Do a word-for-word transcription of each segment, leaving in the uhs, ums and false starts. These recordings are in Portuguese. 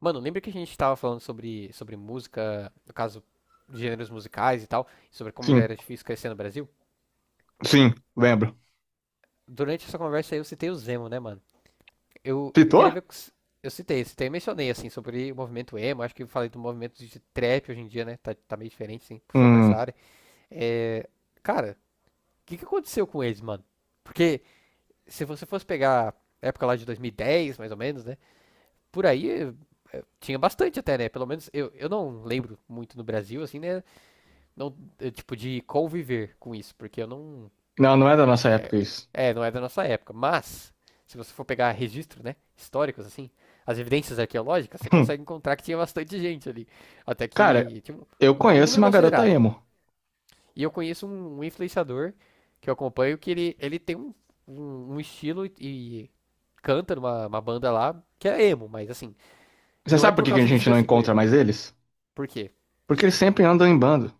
Mano, lembra que a gente tava falando sobre, sobre música, no caso, gêneros musicais e tal, sobre como já Sim, era difícil crescer no Brasil? sim, lembro. Durante essa conversa aí eu citei o Zemo, né, mano? Eu, eu Pitou. queria ver. Com s- Eu citei, citei, mencionei, assim, sobre o movimento emo. Acho que eu falei do movimento de trap hoje em dia, né? Tá, tá meio diferente, assim, puxou pra essa Hum, área. É. Cara, o que que aconteceu com eles, mano? Porque se você fosse pegar a época lá de dois mil e dez, mais ou menos, né? Por aí eh, tinha bastante até, né? Pelo menos eu, eu não lembro muito no Brasil, assim, né? Não, é, tipo, de conviver com isso, porque eu não. Não, não é da nossa época isso. É, não é da nossa época. Mas, se você for pegar registro, né? Históricos, assim, as evidências arqueológicas, você Hum, consegue encontrar que tinha bastante gente ali. Até Cara, que. Tinha um, eu um um conheço número uma garota considerável. emo. E eu conheço um, um influenciador que eu acompanho, que ele, ele tem um, um, um estilo e, e canta numa uma banda lá que é emo, mas assim, Você não é sabe por por que que a causa disso gente que eu não sigo encontra ele. mais eles? Por quê? Porque eles sempre andam em bando.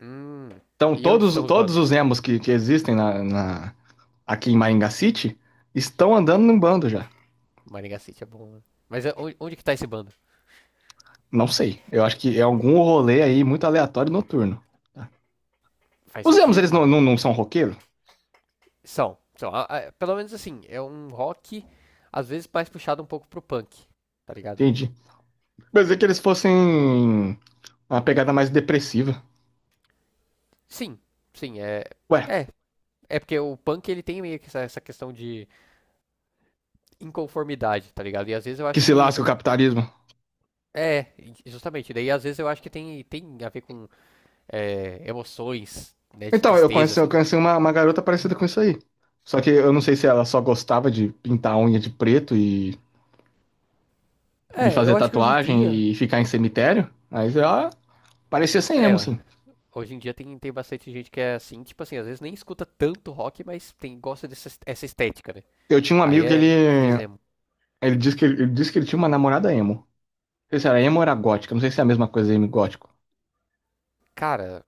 Hum, Então, e onde todos, estamos, todos bando? os emos que, que existem na, na- aqui em Maringá City estão andando em bando já. Maringá City é bom, né? Mas é- onde, onde que tá esse bando? Não sei. Eu acho que é algum rolê aí muito aleatório noturno. Tá? Faz Os emos, sentido, eles não, mano. não, não são roqueiros? São, são. A- a- pelo menos assim, é um rock, às vezes mais puxado um pouco pro punk, tá ligado? Entendi. Mas é que eles fossem uma pegada mais depressiva. Sim, sim, é. Ué, É, é porque o punk ele tem meio que essa, essa questão de inconformidade, tá ligado? E às vezes eu que acho se que. lasca o capitalismo. É, justamente. Daí às vezes eu acho que tem, tem a ver com é, emoções, né, de Então, eu tristeza, conheci, eu assim. conheci uma, uma garota parecida com isso aí. Só que eu não sei se ela só gostava de pintar a unha de preto e, e É, eu fazer acho que hoje em dia. tatuagem e ficar em cemitério, mas ela parecia sem É, emo, ó, sim. hoje em dia tem, tem bastante gente que é assim, tipo assim, às vezes nem escuta tanto rock, mas tem, gosta dessa est- essa estética, né? Eu tinha um Aí amigo que ele, é, dizemos, ele disse que ele, ele disse que ele tinha uma namorada emo. Não sei se era emo ou era gótica, não sei se é a mesma coisa emo e gótico. cara,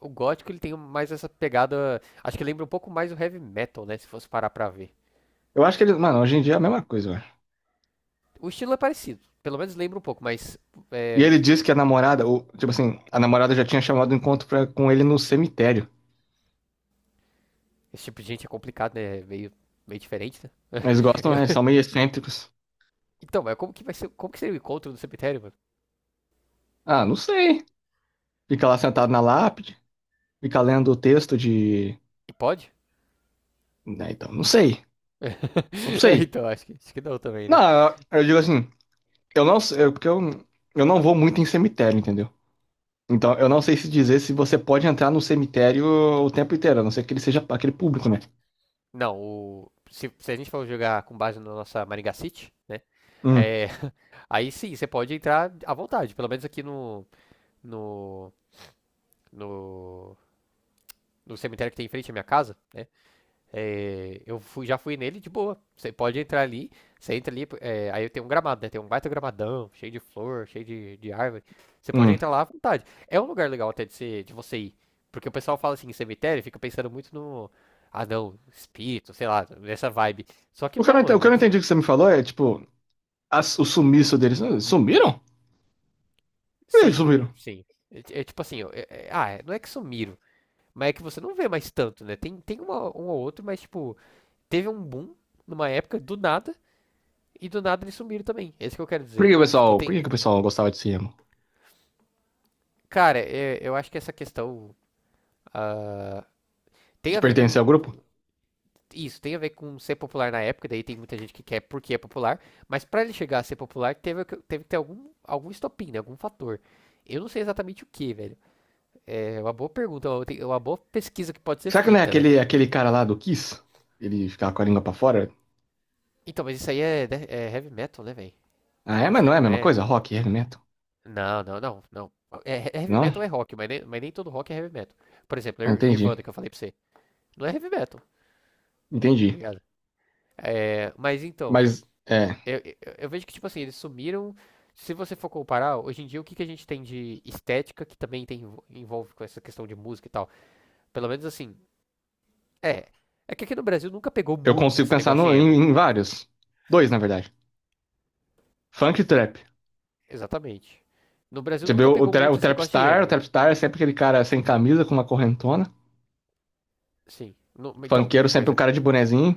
o gótico ele tem mais essa pegada, acho que lembra um pouco mais o heavy metal, né, se fosse parar pra ver. Eu acho que ele, mano, hoje em dia é a mesma coisa, eu acho. O estilo é parecido, pelo menos lembra um pouco, mas E é, ele disse que a namorada, o- tipo assim, a namorada já tinha chamado o encontro pra- com ele no cemitério. esse tipo de gente é complicado, né, é meio, meio diferente, né. Eles gostam, né? Eles Eu- são meio excêntricos. Então, mas como que vai ser, como que seria o encontro do cemitério, mano? Ah, não sei. Fica lá sentado na lápide. Ficar lendo o texto de. E pode? Né, então, não sei. Não É, sei. então, acho que, acho que não também, né. Não, eu digo assim, eu não sei, eu- porque eu, eu não vou muito em cemitério, entendeu? Então, eu não sei se dizer se você pode entrar no cemitério o tempo inteiro, a não ser que ele seja aquele público, né? Não, o, se, se a gente for jogar com base na nossa Maringá City, né, Hum, é, aí sim, você pode entrar à vontade, pelo menos aqui no, no, no no cemitério que tem em frente à minha casa, né? É, eu fui, já fui nele de boa. Você pode entrar ali, você entra ali, é, aí tem um gramado, né? Tem um baita gramadão, cheio de flor, cheio de, de árvore. Você pode hum. entrar lá à vontade. É um lugar legal até de, ser, de você ir. Porque o pessoal fala assim, cemitério, fica pensando muito no. Ah, não, espírito, sei lá, nessa vibe. Só que O que eu não, não, ente- o que eu mano, não se- entendi que você me falou é, tipo, as- o sumiço deles. Ah, sumiram? Por que que sim, sumiram? sim. É, é tipo assim, ó, é- é- ah, é- não é que sumiram, mas é que você não vê mais tanto, né? Tem, tem uma, um ou outro, mas tipo, teve um boom numa época, do nada. E do nada eles sumiram também. É isso que eu quero Por que, dizer. que o Tipo, pessoal, Por tem. que que o pessoal gostava de ser emo? Cara, é- eu acho que essa questão ah, tem De a ver pertencer ao com, grupo? com isso, tem a ver com ser popular na época, daí tem muita gente que quer porque é popular, mas pra ele chegar a ser popular teve, que- teve que ter algum, algum estopim, né, algum fator. Eu não sei exatamente o que, velho. É uma boa pergunta, uma tem- uma boa pesquisa que pode ser Será que não é feita, né? aquele, aquele cara lá do Kiss? Ele ficava com a língua pra fora? Então, mas isso aí é, de- é heavy metal, né, velho? Ah, é, Acho mas que não é a não mesma é. coisa? Rock e heavy metal? Não, não, não, não. É, é heavy Não? metal é rock, mas nem, mas nem todo rock é heavy metal. Por exemplo, Ah, Nir- entendi, Nirvana, que eu falei pra você. Não é heavy metal, tá entendi. ligado? É, mas então, Mas é, eu, eu, eu vejo que, tipo assim, eles sumiram. Se você for comparar, hoje em dia, o que, que a gente tem de estética que também tem, envolve com essa questão de música e tal? Pelo menos assim, é. É que aqui no Brasil nunca pegou eu muito consigo esse pensar negócio de no- em, emo. em vários. Dois, na verdade. Funk e trap. Exatamente. No Brasil Você vê nunca o, o, pegou tra- o muito esse negócio de Trapstar, o emo. Trapstar é sempre aquele cara sem camisa, com uma correntona. Sim. No- então, Funkeiro sempre mas, um é, cara de bonezinho.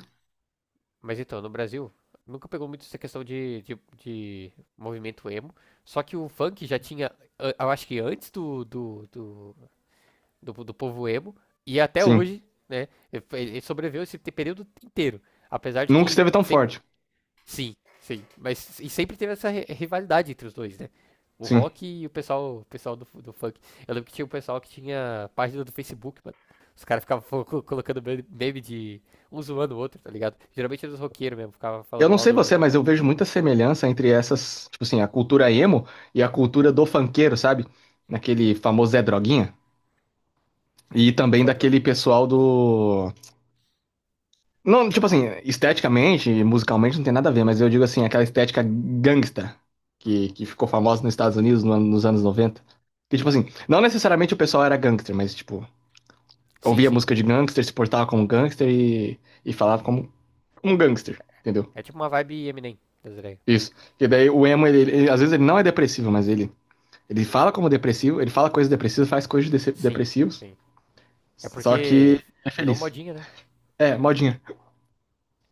mas então, no Brasil nunca pegou muito essa questão de, de, de movimento emo. Só que o funk já tinha, a- eu acho que antes do, do, do do, do povo emo. E até Sim. hoje, né? Ele sobreviveu esse período inteiro. Apesar de Nunca que esteve tão sempre. forte. Sim, sim. Mas e sempre teve essa rivalidade entre os dois, né? O Sim. rock e o pessoal, o pessoal do, do funk. Eu lembro que tinha o um pessoal que tinha página do Facebook, mano. Os caras ficavam co- colocando meme de um zoando o outro, tá ligado? Geralmente era os roqueiros mesmo, ficava Eu falando não mal sei do, você, do mas eu funk. vejo muita semelhança entre essas, tipo assim, a cultura emo e a cultura do funkeiro, sabe? Naquele famoso Zé Droguinha. E também Isso é daquele droguinha. pessoal do. Não, tipo assim, esteticamente, musicalmente não tem nada a ver, mas eu digo assim, aquela estética gangsta que, que ficou famosa nos Estados Unidos no ano- nos anos noventa. Que, tipo assim, não necessariamente o pessoal era gangster, mas, tipo, Sim, ouvia sim. música de gangster, se portava como gangster e, e falava como um gangster, entendeu? É tipo uma vibe Eminem das ideias. Isso. Porque daí o emo, ele, ele- às vezes ele não é depressivo, mas ele, ele fala como depressivo, ele fala coisas depressivas, faz coisas dece- Sim, depressivos, sim. É só porque que é virou feliz. modinha, né? É, modinha.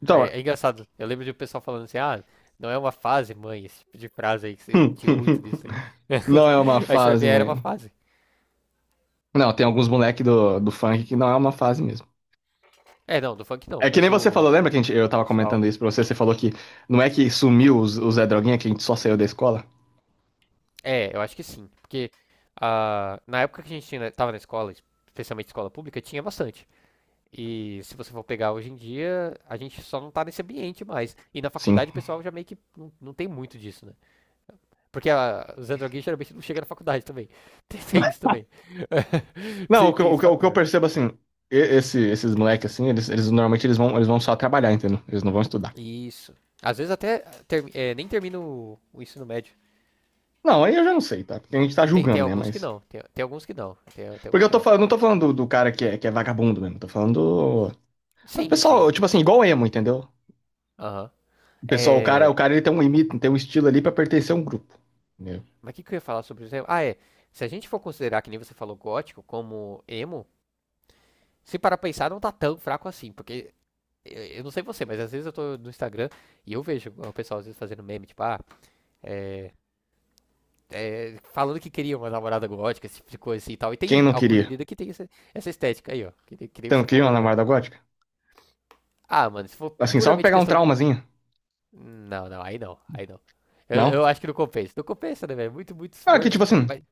Então, É, é engraçado. Eu lembro de um pessoal falando assim, ah, não é uma fase, mãe, esse tipo de frase aí, que você tinha muito disso aí. não é uma Aí você vai ver, fase, era uma mãe. fase. Não, tem alguns moleque do, do funk que não é uma fase mesmo. É, não, do funk não, É que nem mas você o falou, lembra que a gente, eu tava pessoal. comentando isso pra você? Você falou que não é que sumiu os, os Zé Droguinha, que a gente só saiu da escola? É, eu acho que sim. Porque ah, na época que a gente tinha- né, tava na escola, especialmente escola pública, tinha bastante. E se você for pegar hoje em dia, a gente só não tá nesse ambiente mais. E na Sim. faculdade o pessoal já meio que não, não tem muito disso, né? Porque a, os androguinhos geralmente não chegam na faculdade também. Tem, tem isso também. Não, Tem, o que, eu- tem o esse que, eu- o que eu fator. percebo assim, e- esse, esses moleques assim, eles, eles normalmente eles vão, eles vão só trabalhar, entendeu? Eles não vão estudar. Isso. Às vezes até ter- é, nem termino o- o ensino médio. Não, aí eu já não sei, tá? Porque a gente tá Tem, tem julgando, né? alguns que Mas. não. Tem, tem alguns que não. Tem, tem Porque alguns eu que tô não. falando, não tô falando do, do cara que é, que é vagabundo mesmo, tô falando do. Do Sim, pessoal, sim. tipo assim, igual emo, entendeu? Aham. O pessoal, o cara, É, o cara ele tem um limite, tem um estilo ali pra pertencer a um grupo. Entendeu? mas o que, que eu ia falar sobre isso? Ah, é. Se a gente for considerar, que nem você falou, gótico como emo, se para pensar, não tá tão fraco assim. Porque eh, eu não sei você, mas às vezes eu tô no Instagram e eu vejo o pessoal às vezes fazendo meme, tipo, ah, é, falando que queria uma namorada gótica, esse tipo de coisa assim e tal. E Quem tem não algumas queria? meninas que tem essa, essa estética aí, ó. Que, nem- que nem Você não você queria falou uma agora. namorada gótica? Ah, mano, se for Assim, só pra puramente pegar um questão de. traumazinho. Não, não, aí não, aí não. Eu, Não? eu acho que não compensa. Não compensa, né, velho? Muito, muito Ah, que esforço. tipo assim, Mas,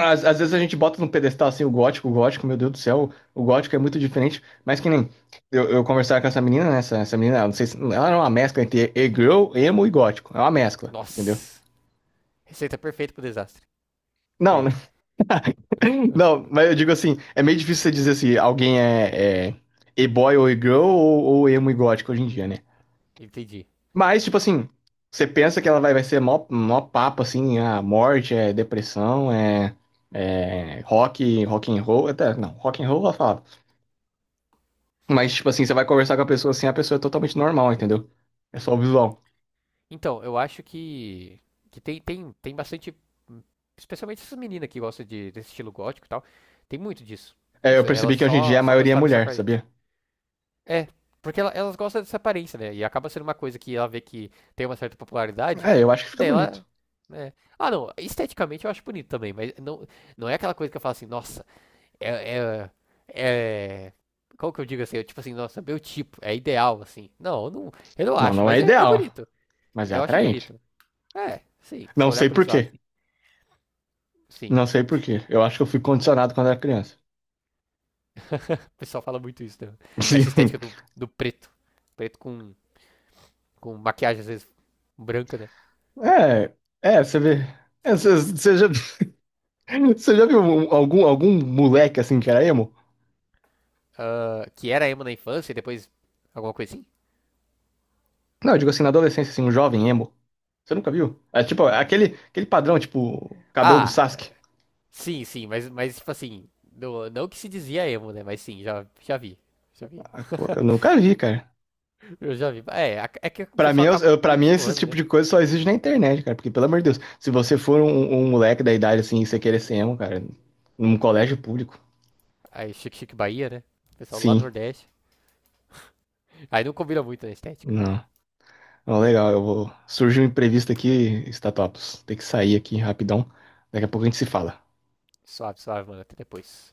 às, às vezes a gente bota no pedestal assim o gótico, o gótico, meu Deus do céu, o gótico é muito diferente, mas que nem eu, eu conversava com essa menina, né? Essa, essa menina, ela não sei se ela era uma mescla entre e-girl, emo e gótico. É uma mescla, entendeu? nossa! Receita perfeita pro desastre. E Não, aí? né? Não, mas eu digo assim, é meio difícil você dizer se alguém é, é e-boy ou e-girl ou, ou emo e gótico hoje em dia, né? Entendi. Mas, tipo assim, você pensa que ela vai, vai ser mó, mó papo, assim, a morte, é depressão, é, é rock, rock and roll, até, não, rock and roll ela fala. Mas, tipo assim, você vai conversar com a pessoa assim, a pessoa é totalmente normal, entendeu? É só o visual. Então, eu acho que, que tem, tem, tem bastante. Especialmente essas meninas que gostam de, desse estilo gótico e tal. Tem muito disso. É, eu Essa, elas percebi que hoje em só, dia a só maioria é gostaram dessa mulher, aparência. sabia? É, porque ela- elas gostam dessa aparência, né? E acaba sendo uma coisa que ela vê que tem uma certa popularidade, É, eu acho que fica daí ela. bonito. Né? Ah, não, esteticamente eu acho bonito também, mas não, não é aquela coisa que eu falo assim, nossa, é. É, é... Como que eu digo assim? Eu, tipo assim, nossa, meu tipo, é ideal, assim. Não, eu não, eu não Não, acho, não é mas é, é ideal, bonito. mas é Eu acho atraente. bonito. É, sim, se for Não olhar sei por por esse lado, quê. sim. Sim, Não sei por quê. Eu acho que eu fui condicionado quando era criança. o pessoal fala muito isso, né? Essa Sim. estética do, do preto. Preto com, com maquiagem, às vezes, branca, né? É, é, você vê. É, Você você já Você já viu um- algum, algum moleque assim que era emo? Ah, que era emo na infância e depois alguma coisa assim? Não, eu digo assim, na adolescência, assim, um jovem emo. Você nunca viu? É tipo, Hum. aquele, aquele padrão, tipo, cabelo do Ah, Sasuke. sim, sim, mas, mas tipo assim, não, não que se dizia emo, né? Mas sim, já, já vi. Já vi. Ah, pô, eu nunca vi, cara. Eu já vi. É, a- é que o Pra mim, pessoal eu, acaba eu- pra meio mim, que esse zoando, tipo né? de coisa só existe na internet, cara. Porque, pelo amor de Deus, se você for um, um moleque da idade assim e você querer ser emo, cara, num colégio público, Aí Chique Chique Bahia, né? O pessoal lá do sim. Nordeste. Aí não combina muito na estética. Não. Não, legal, eu vou. Surge um imprevisto aqui, Statopos. Tem que sair aqui rapidão. Daqui a pouco a gente se fala. Suave, suave, mano. Até depois.